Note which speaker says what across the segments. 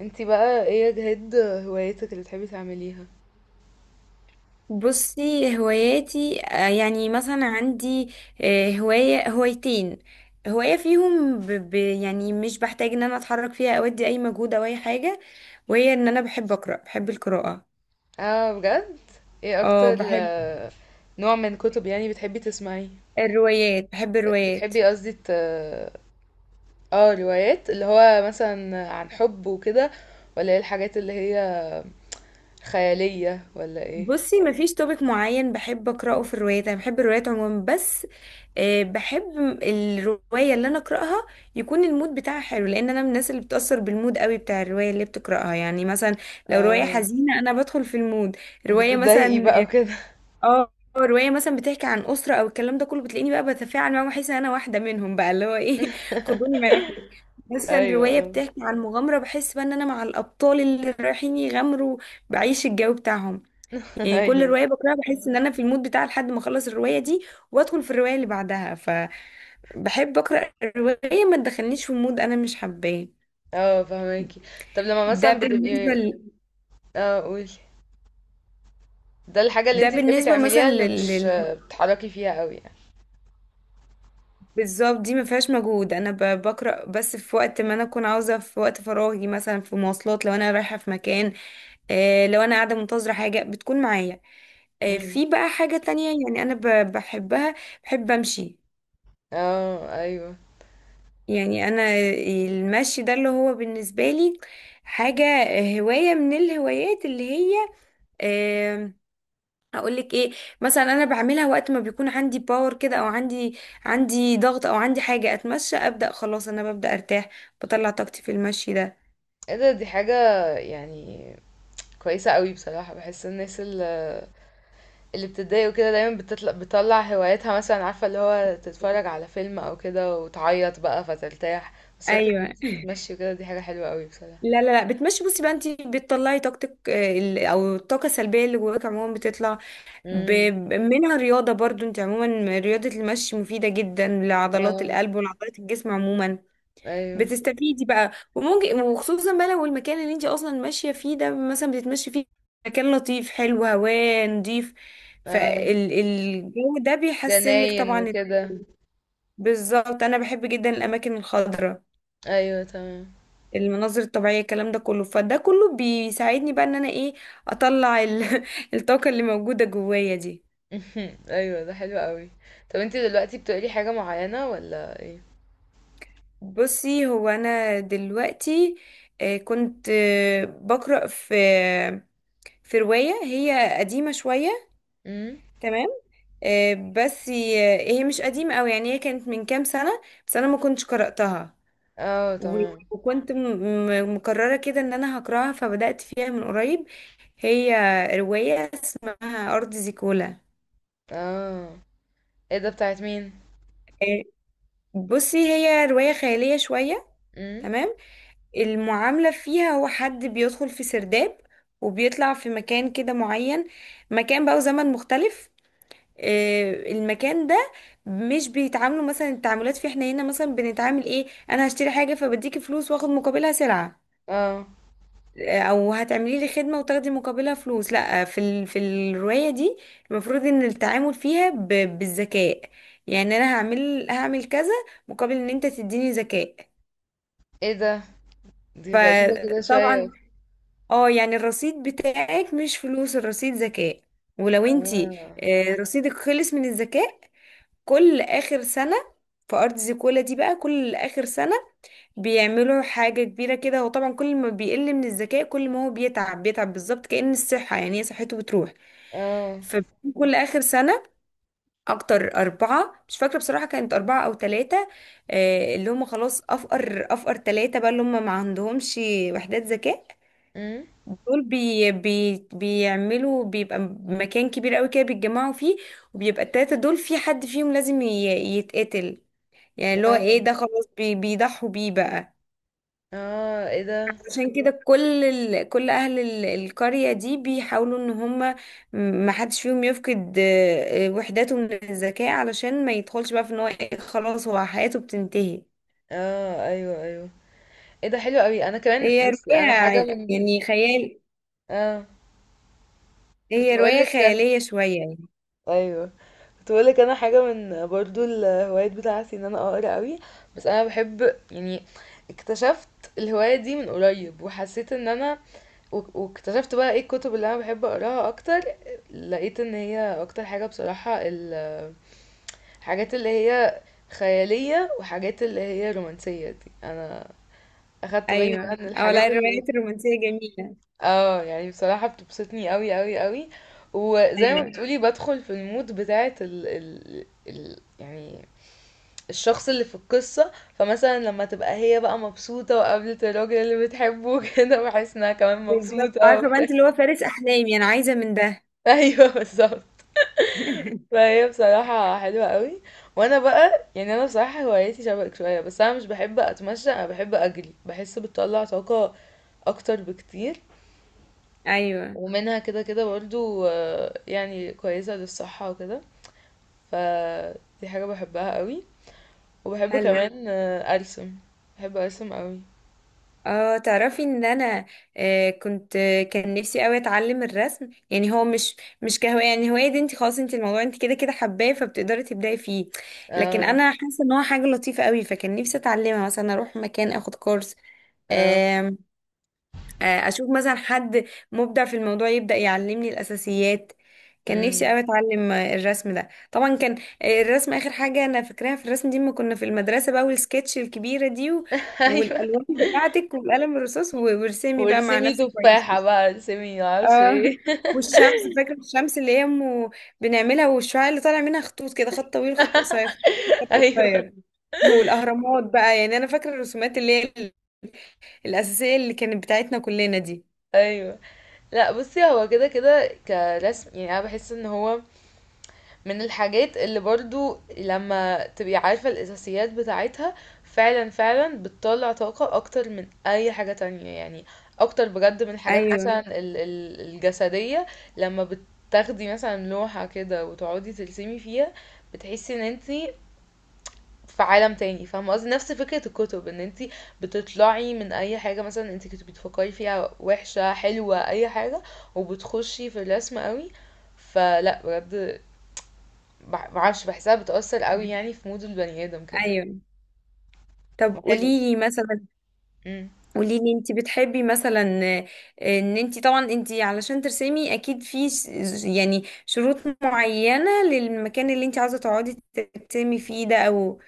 Speaker 1: انتي بقى ايه يا جهاد، هوايتك اللي بتحبي تعمليها؟
Speaker 2: بصي هواياتي، يعني مثلا عندي هواية هوايتين. هواية فيهم يعني مش بحتاج ان انا اتحرك فيها او ادي اي مجهود او اي حاجة، وهي ان انا بحب اقرأ، بحب القراءة.
Speaker 1: اه، بجد؟ ايه
Speaker 2: اه
Speaker 1: اكتر
Speaker 2: بحب
Speaker 1: نوع من كتب يعني بتحبي تسمعيه؟
Speaker 2: الروايات، بحب الروايات.
Speaker 1: بتحبي، قصدي اه، روايات اللي هو مثلا عن حب وكده، ولا ايه الحاجات اللي هي خيالية ولا ايه؟
Speaker 2: بصي مفيش توبيك معين بحب اقراه في الروايات، انا بحب الروايات عموما، بس بحب الروايه اللي انا اقراها يكون المود بتاعها حلو، لان انا من الناس اللي بتاثر بالمود قوي بتاع الروايه اللي بتقراها. يعني مثلا لو روايه
Speaker 1: اه،
Speaker 2: حزينه انا بدخل في المود. روايه
Speaker 1: بتتضايقي
Speaker 2: مثلا،
Speaker 1: بقى وكده؟
Speaker 2: اه، روايه مثلا بتحكي عن اسره او الكلام ده كله، بتلاقيني بقى بتفاعل معاهم واحس ان انا واحده منهم، بقى اللي هو ايه خدوني معاكم. مثلا
Speaker 1: ايوه،
Speaker 2: روايه
Speaker 1: اه.
Speaker 2: بتحكي عن مغامره، بحس بقى ان انا مع الابطال اللي رايحين يغامروا، بعيش الجو بتاعهم. يعني كل
Speaker 1: ايوه،
Speaker 2: رواية بقراها بحس ان انا في المود بتاع لحد ما اخلص الرواية دي وادخل في الرواية اللي بعدها. فبحب اقرا الرواية ما تدخلنيش في مود انا مش حباه.
Speaker 1: اه، فهماكي. طب لما
Speaker 2: ده
Speaker 1: مثلا بتبقي،
Speaker 2: بالنسبة ل...
Speaker 1: اه قولي. ده الحاجة اللي
Speaker 2: ده
Speaker 1: انتي بتحبي
Speaker 2: بالنسبة مثلا
Speaker 1: تعمليها، اللي مش بتتحركي فيها قوي،
Speaker 2: بالظبط، دي ما فيهاش مجهود، انا بقرا بس في وقت ما انا اكون عاوزة، في وقت فراغي مثلا، في مواصلات لو انا رايحة في مكان، لو انا قاعدة منتظرة حاجة بتكون معايا.
Speaker 1: يعني.
Speaker 2: في بقى حاجة تانية يعني انا بحبها، بحب امشي.
Speaker 1: اه، ايوه.
Speaker 2: يعني انا المشي ده اللي هو بالنسبه لي حاجه، هوايه من الهوايات اللي هي، اقول لك ايه، مثلا انا بعملها وقت ما بيكون عندي باور كده، او عندي ضغط، او عندي حاجه، اتمشى ابدا خلاص انا ببدا ارتاح، بطلع طاقتي في المشي ده.
Speaker 1: ايه ده، دي حاجة يعني كويسة قوي بصراحة. بحس الناس اللي بتتضايق وكده دايما بتطلع هواياتها، مثلا عارفة اللي هو تتفرج على فيلم او كده وتعيط بقى فترتاح. بس فكرة ان
Speaker 2: ايوه.
Speaker 1: انت تتمشي وكده دي حاجة حلوة قوي بصراحة.
Speaker 2: لا، بتمشي، بصي بقى، انت بتطلعي طاقتك، او الطاقه السلبيه اللي جواك عموما بتطلع ب-
Speaker 1: امم.
Speaker 2: منها. رياضه برضو، انت عموما رياضه المشي مفيده جدا لعضلات
Speaker 1: اه،
Speaker 2: القلب ولعضلات الجسم عموما،
Speaker 1: ايوه.
Speaker 2: بتستفيدي بقى. وممكن، وخصوصا بقى لو المكان اللي انت اصلا ماشيه فيه ده مثلا، بتتمشي فيه مكان لطيف حلو هواه نضيف،
Speaker 1: اه،
Speaker 2: فالجو ده بيحسن لك
Speaker 1: جناين
Speaker 2: طبعا
Speaker 1: وكده.
Speaker 2: الطول. بالظبط، انا بحب جدا الاماكن الخضراء،
Speaker 1: ايوه، تمام.
Speaker 2: المناظر الطبيعيه الكلام ده كله، فده كله بيساعدني بقى ان انا ايه، اطلع الطاقه اللي موجوده جوايا دي.
Speaker 1: ايوه، ده حلو قوي. طب انت دلوقتي بتقري حاجة معينة ولا ايه؟
Speaker 2: بصي هو انا دلوقتي كنت بقرا في روايه هي قديمه شويه.
Speaker 1: امم.
Speaker 2: تمام. بس هي، هي مش قديمة أوي، يعني هي كانت من كام سنة بس أنا ما كنتش قرأتها.
Speaker 1: اه،
Speaker 2: و-
Speaker 1: تمام.
Speaker 2: وكنت مقررة كده إن أنا هقرأها فبدأت فيها من قريب. هي رواية اسمها أرض زيكولا.
Speaker 1: اه، ايه ده، بتاعت مين؟
Speaker 2: آه، بصي هي رواية خيالية شوية.
Speaker 1: امم.
Speaker 2: تمام. المعاملة فيها هو حد بيدخل في سرداب وبيطلع في مكان كده معين، مكان بقى وزمن مختلف. المكان ده مش بيتعاملوا مثلا، التعاملات في، احنا هنا مثلا بنتعامل ايه، انا هشتري حاجة فبديكي فلوس واخد مقابلها سلعة،
Speaker 1: اه،
Speaker 2: او هتعملي لي خدمة وتاخدي مقابلها فلوس. لا، في في الرواية دي المفروض ان التعامل فيها بالذكاء. يعني انا هعمل، هعمل كذا مقابل ان انت تديني ذكاء.
Speaker 1: ايه ده، دي غريبة كده شوية.
Speaker 2: فطبعا، اه، يعني الرصيد بتاعك مش فلوس، الرصيد ذكاء. ولو انتي
Speaker 1: اه،
Speaker 2: رصيدك خلص من الذكاء، كل اخر سنة في ارض كولا دي بقى، كل اخر سنة بيعملوا حاجة كبيرة كده. هو طبعا كل ما بيقل من الذكاء كل ما هو بيتعب، بيتعب بالظبط كأن الصحة، يعني هي صحته بتروح.
Speaker 1: اه.
Speaker 2: فكل اخر سنة اكتر اربعة، مش فاكرة بصراحة كانت اربعة او ثلاثة، اللي هم خلاص افقر افقر ثلاثة بقى اللي هم ما عندهمش وحدات ذكاء،
Speaker 1: امم.
Speaker 2: دول بي بي بيعملوا، بيبقى مكان كبير قوي كده بيتجمعوا فيه، وبيبقى التلاتة دول في حد فيهم لازم يتقتل. يعني اللي هو
Speaker 1: اه،
Speaker 2: ايه، ده خلاص بي بيضحوا بيه بقى.
Speaker 1: اه، ايه ده.
Speaker 2: عشان كده كل اهل القرية دي بيحاولوا ان هم ما حدش فيهم يفقد وحداته من الذكاء، علشان ما يدخلش بقى في ان هو إيه، خلاص هو حياته بتنتهي.
Speaker 1: اه، ايوه، ايوه. ايه ده حلو قوي. انا كمان،
Speaker 2: هي
Speaker 1: بس
Speaker 2: رواية
Speaker 1: انا حاجة من،
Speaker 2: يعني خيال،
Speaker 1: اه، كنت
Speaker 2: هي
Speaker 1: بقول
Speaker 2: رواية
Speaker 1: لك.
Speaker 2: خيالية شوية يعني.
Speaker 1: ايوه، كنت بقول لك انا حاجة من برضو الهوايات بتاعتي ان انا اقرا قوي. بس انا بحب يعني اكتشفت الهواية دي من قريب، وحسيت ان انا واكتشفت بقى ايه الكتب اللي انا بحب اقراها اكتر. لقيت ان هي اكتر حاجة بصراحة حاجات اللي هي خيالية وحاجات اللي هي رومانسية، دي انا اخدت بالي بقى
Speaker 2: ايوه،
Speaker 1: ان
Speaker 2: او لا
Speaker 1: الحاجات اللي
Speaker 2: الروايات الرومانسية جميلة.
Speaker 1: اه يعني بصراحة بتبسطني قوي قوي قوي. وزي ما
Speaker 2: ايوه
Speaker 1: بتقولي بدخل في المود بتاعت يعني الشخص اللي في القصة، فمثلا لما تبقى هي بقى مبسوطة وقابلت الراجل اللي بتحبه كده بحس انها كمان
Speaker 2: بالظبط،
Speaker 1: مبسوطة
Speaker 2: عارفة بقى
Speaker 1: وبتاع.
Speaker 2: انت اللي هو فارس احلامي انا عايزة من ده.
Speaker 1: ايوه، بالظبط. فهي بصراحة حلوة قوي. وانا بقى يعني انا بصراحة هوايتي شبهك شوية، بس انا مش بحب اتمشى، انا بحب اجري، بحس بتطلع طاقة اكتر بكتير.
Speaker 2: ايوه
Speaker 1: ومنها كده كده برضو، يعني كويسة للصحة وكده. فدي حاجة بحبها قوي. وبحب
Speaker 2: حلو.
Speaker 1: كمان ارسم. بحب ارسم قوي.
Speaker 2: اه تعرفي ان انا كنت، كان نفسي قوي اتعلم الرسم. يعني هو مش كهوايه، يعني هوايه دي انت خلاص، انت الموضوع انت كده كده حباه فبتقدري تبداي فيه، لكن
Speaker 1: اه،
Speaker 2: انا حاسه ان هو حاجه لطيفه قوي، فكان نفسي اتعلمها. مثلا اروح مكان اخد كورس،
Speaker 1: اه.
Speaker 2: اشوف مثلا حد مبدع في الموضوع يبدأ يعلمني الاساسيات. كان نفسي
Speaker 1: امم.
Speaker 2: قوي اتعلم الرسم ده. طبعا كان الرسم اخر حاجة انا فاكراها في الرسم دي ما كنا في المدرسة بقى، والسكتش الكبيرة دي،
Speaker 1: ايوه.
Speaker 2: والالوان بتاعتك والقلم الرصاص، وارسمي بقى مع
Speaker 1: وارسمي
Speaker 2: نفسك كويس.
Speaker 1: تفاحة بقى، ارسمي معرفش
Speaker 2: اه
Speaker 1: ايه.
Speaker 2: والشمس، فاكرة الشمس اللي هي أم بنعملها، والشعاع اللي طالع منها خطوط كده، خط طويل خط قصير خط طويل خط
Speaker 1: ايوه،
Speaker 2: قصير. والاهرامات بقى. يعني انا فاكرة الرسومات اللي هي الاساسية اللي كانت بتاعتنا كلنا دي.
Speaker 1: ايوه. لأ بُصّي، هو كده، كده كرسم، يعني أنا باحس إن هو من الحاجات اللي برضه لمّا تبقي عارفة الأساسيات بتاعتها فعلًا، فعلًا بتطلّع طاقة أكتر من أي حاجة تانية، يعني أكتر بجد من الحاجات
Speaker 2: ايوه
Speaker 1: مثلًا ال ال الجسدية. لمّا بتاخدي مثلًا لوحة كده وتقعدي ترسمي فيها، بتحسي إن أنتِ في عالم تاني. فاهمة قصدي، نفس فكرة الكتب ان انتي بتطلعي من اي حاجة مثلا انتي كنت بتفكري فيها وحشة حلوة اي حاجة، وبتخشي في الرسم قوي. فلا بجد، معرفش بحسها بتأثر قوي، يعني في مود البني ادم كده.
Speaker 2: ايوه. طب
Speaker 1: حلو.
Speaker 2: قوليلي مثلا،
Speaker 1: امم.
Speaker 2: قوليلي انت بتحبي مثلا، ان انت طبعا، انت علشان ترسمي اكيد في يعني شروط معينة للمكان اللي انت عاوزة تقعدي ترسمي فيه ده، او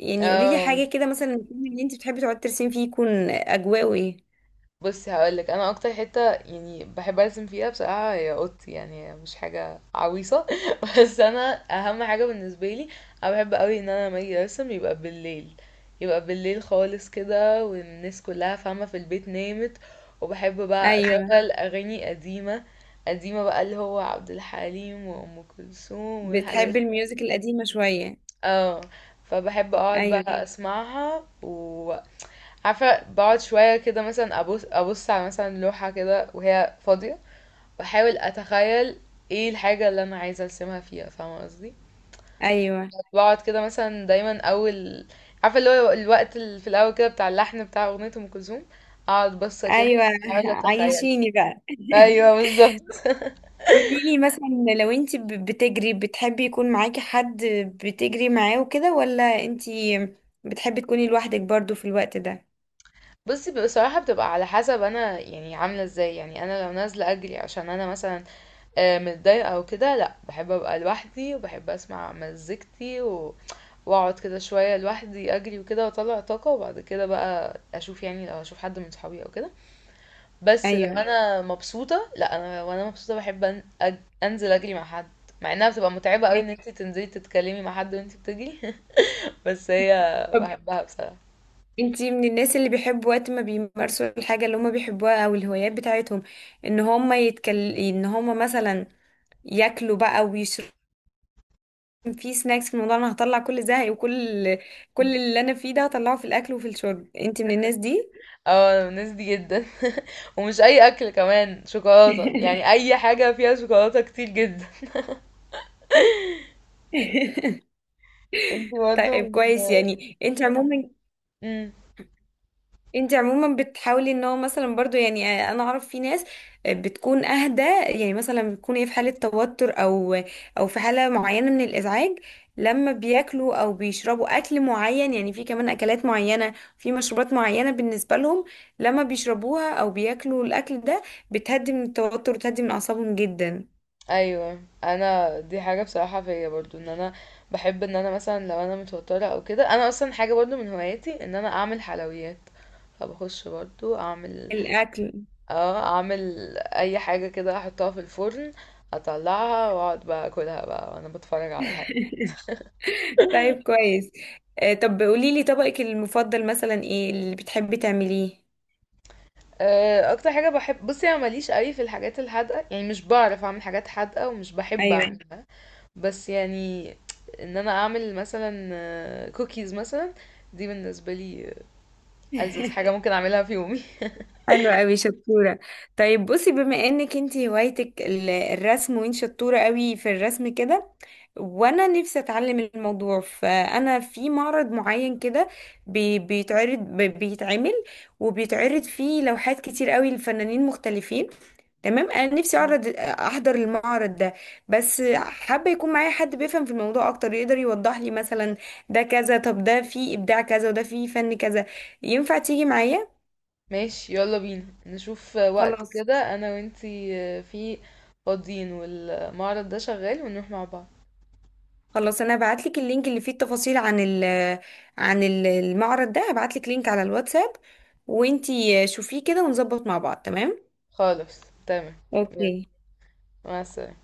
Speaker 2: يعني قوليلي
Speaker 1: اه،
Speaker 2: حاجة كده مثلا، المكان اللي انت بتحبي تقعدي ترسمي فيه يكون اجواءه ايه.
Speaker 1: بصي هقولك انا اكتر حته يعني بحب ارسم فيها بصراحه هي اوضتي، يعني مش حاجه عويصه. بس انا اهم حاجه بالنسبه لي، انا بحب قوي ان انا لما اجي ارسم يبقى بالليل، يبقى بالليل خالص كده، والناس كلها فاهمه في البيت نامت. وبحب بقى
Speaker 2: ايوه
Speaker 1: اشغل اغاني قديمه، قديمه بقى اللي هو عبد الحليم وام كلثوم والحاجات
Speaker 2: بتحبي
Speaker 1: دي.
Speaker 2: الميوزك القديمة شوية.
Speaker 1: اه، فبحب اقعد
Speaker 2: ايوه.
Speaker 1: بقى اسمعها عارفة، بقعد شوية كده مثلا أبص أبص على مثلا لوحة كده وهي فاضية، وأحاول أتخيل ايه الحاجة اللي أنا عايزة أرسمها فيها، فاهمة قصدي.
Speaker 2: ايوه
Speaker 1: بقعد كده مثلا دايما أول، عارفة اللي هو الوقت اللي في الأول كده بتاع اللحن بتاع أغنية أم كلثوم، أقعد بصة كده
Speaker 2: ايوه
Speaker 1: بحاول أتخيل.
Speaker 2: عايشيني بقى.
Speaker 1: أيوه، بالظبط.
Speaker 2: قولي لي مثلا، لو انت بتجري، بتحبي يكون معاكي حد بتجري معاه وكده، ولا انت بتحبي تكوني لوحدك برضو في الوقت ده.
Speaker 1: بصي بصراحة بتبقى على حسب أنا يعني عاملة ازاي، يعني أنا لو نازلة أجري عشان أنا مثلا متضايقة أو كده، لأ، باحب أبقى لوحدي وباحب أسمع مزيكتي و وأقعد كده شوية لوحدي أجري وكده وأطلّع طاقة، وبعد كده بقى أشوف، يعني لو هاشوف حد من صحابي أو كده، بس لو
Speaker 2: ايوه.
Speaker 1: أنا مبسوطة لأ، أنا وأنا مبسوطة باحب أن أنزل أجري مع حد، مع إنها بتبقى متعبة أوي إن
Speaker 2: أيوة.
Speaker 1: أنتِ تنزلي تتكلمي مع حد وأنتِ بتجري. بس هي
Speaker 2: طب
Speaker 1: باحبها بصراحة.
Speaker 2: انت من الناس اللي بيحبوا وقت ما بيمارسوا الحاجة اللي هم بيحبوها او الهوايات بتاعتهم ان هم يتكل، ان هم مثلا ياكلوا بقى ويشربوا، في سناكس في الموضوع، انا هطلع كل زهقي وكل اللي انا فيه ده هطلعه في الاكل وفي الشرب، انت من الناس دي؟
Speaker 1: آه، أنا من الناس دي جدًا. ومش أي أكل، كمان شوكولاتة، يعني أي حاجة فيها شوكولاتة كتير جدًا. أنتِ
Speaker 2: طيب
Speaker 1: برضه.
Speaker 2: كويس. يعني انت عموما،
Speaker 1: امم،
Speaker 2: انت عموما بتحاولي ان هو مثلا برضو، يعني انا اعرف في ناس بتكون اهدى، يعني مثلا بتكون ايه في حالة توتر او في حالة معينة من الازعاج، لما بياكلوا او بيشربوا اكل معين، يعني في كمان اكلات معينة في مشروبات معينة بالنسبة لهم، لما بيشربوها او بياكلوا الاكل ده بتهدي من التوتر وتهدي من اعصابهم جدا.
Speaker 1: ايوه، انا دي حاجه بصراحه فيا برضو، ان انا بحب ان انا مثلا لو انا متوتره او كده، انا اصلا حاجه برضو من هواياتي ان انا اعمل حلويات. فبخش برضو اعمل
Speaker 2: الاكل.
Speaker 1: اه اعمل اي حاجه كده احطها في الفرن، اطلعها واقعد بقى اكلها بقى وانا بتفرج على حاجه.
Speaker 2: طيب كويس. طب قوليلي طبقك المفضل مثلا، ايه اللي بتحبي تعمليه.
Speaker 1: اكتر حاجه بحب، بصي انا ماليش قوي في الحاجات الحادقه، يعني مش بعرف اعمل حاجات حادقه ومش بحب
Speaker 2: ايوه
Speaker 1: اعملها. بس يعني ان انا اعمل مثلا كوكيز مثلا، دي بالنسبه لي ألذذ حاجة ممكن أعملها في يومي.
Speaker 2: حلوة قوي شطورة. طيب بصي، بما انك انتي هوايتك الرسم، وانت شطورة قوي في الرسم كده، وانا نفسي اتعلم الموضوع، فانا في معرض معين كده بيتعرض، بيتعمل وبيتعرض فيه لوحات كتير قوي لفنانين مختلفين. تمام. انا نفسي
Speaker 1: مم.
Speaker 2: اعرض، احضر المعرض ده، بس حابة يكون معايا حد بيفهم في الموضوع اكتر، يقدر يوضح لي مثلا ده كذا، طب ده فيه ابداع كذا، وده فيه فن كذا. ينفع تيجي معايا؟
Speaker 1: ماشي، يلا بينا نشوف وقت
Speaker 2: خلاص.
Speaker 1: كده أنا وإنتي فيه فاضيين والمعرض ده شغال، ونروح مع بعض.
Speaker 2: خلاص انا هبعت لك اللينك اللي فيه التفاصيل عن عن المعرض ده، هبعت لك لينك على الواتساب، وانتي شوفيه كده ونظبط مع بعض. تمام.
Speaker 1: خالص، تمام. يلا،
Speaker 2: اوكي.
Speaker 1: مع السلامة.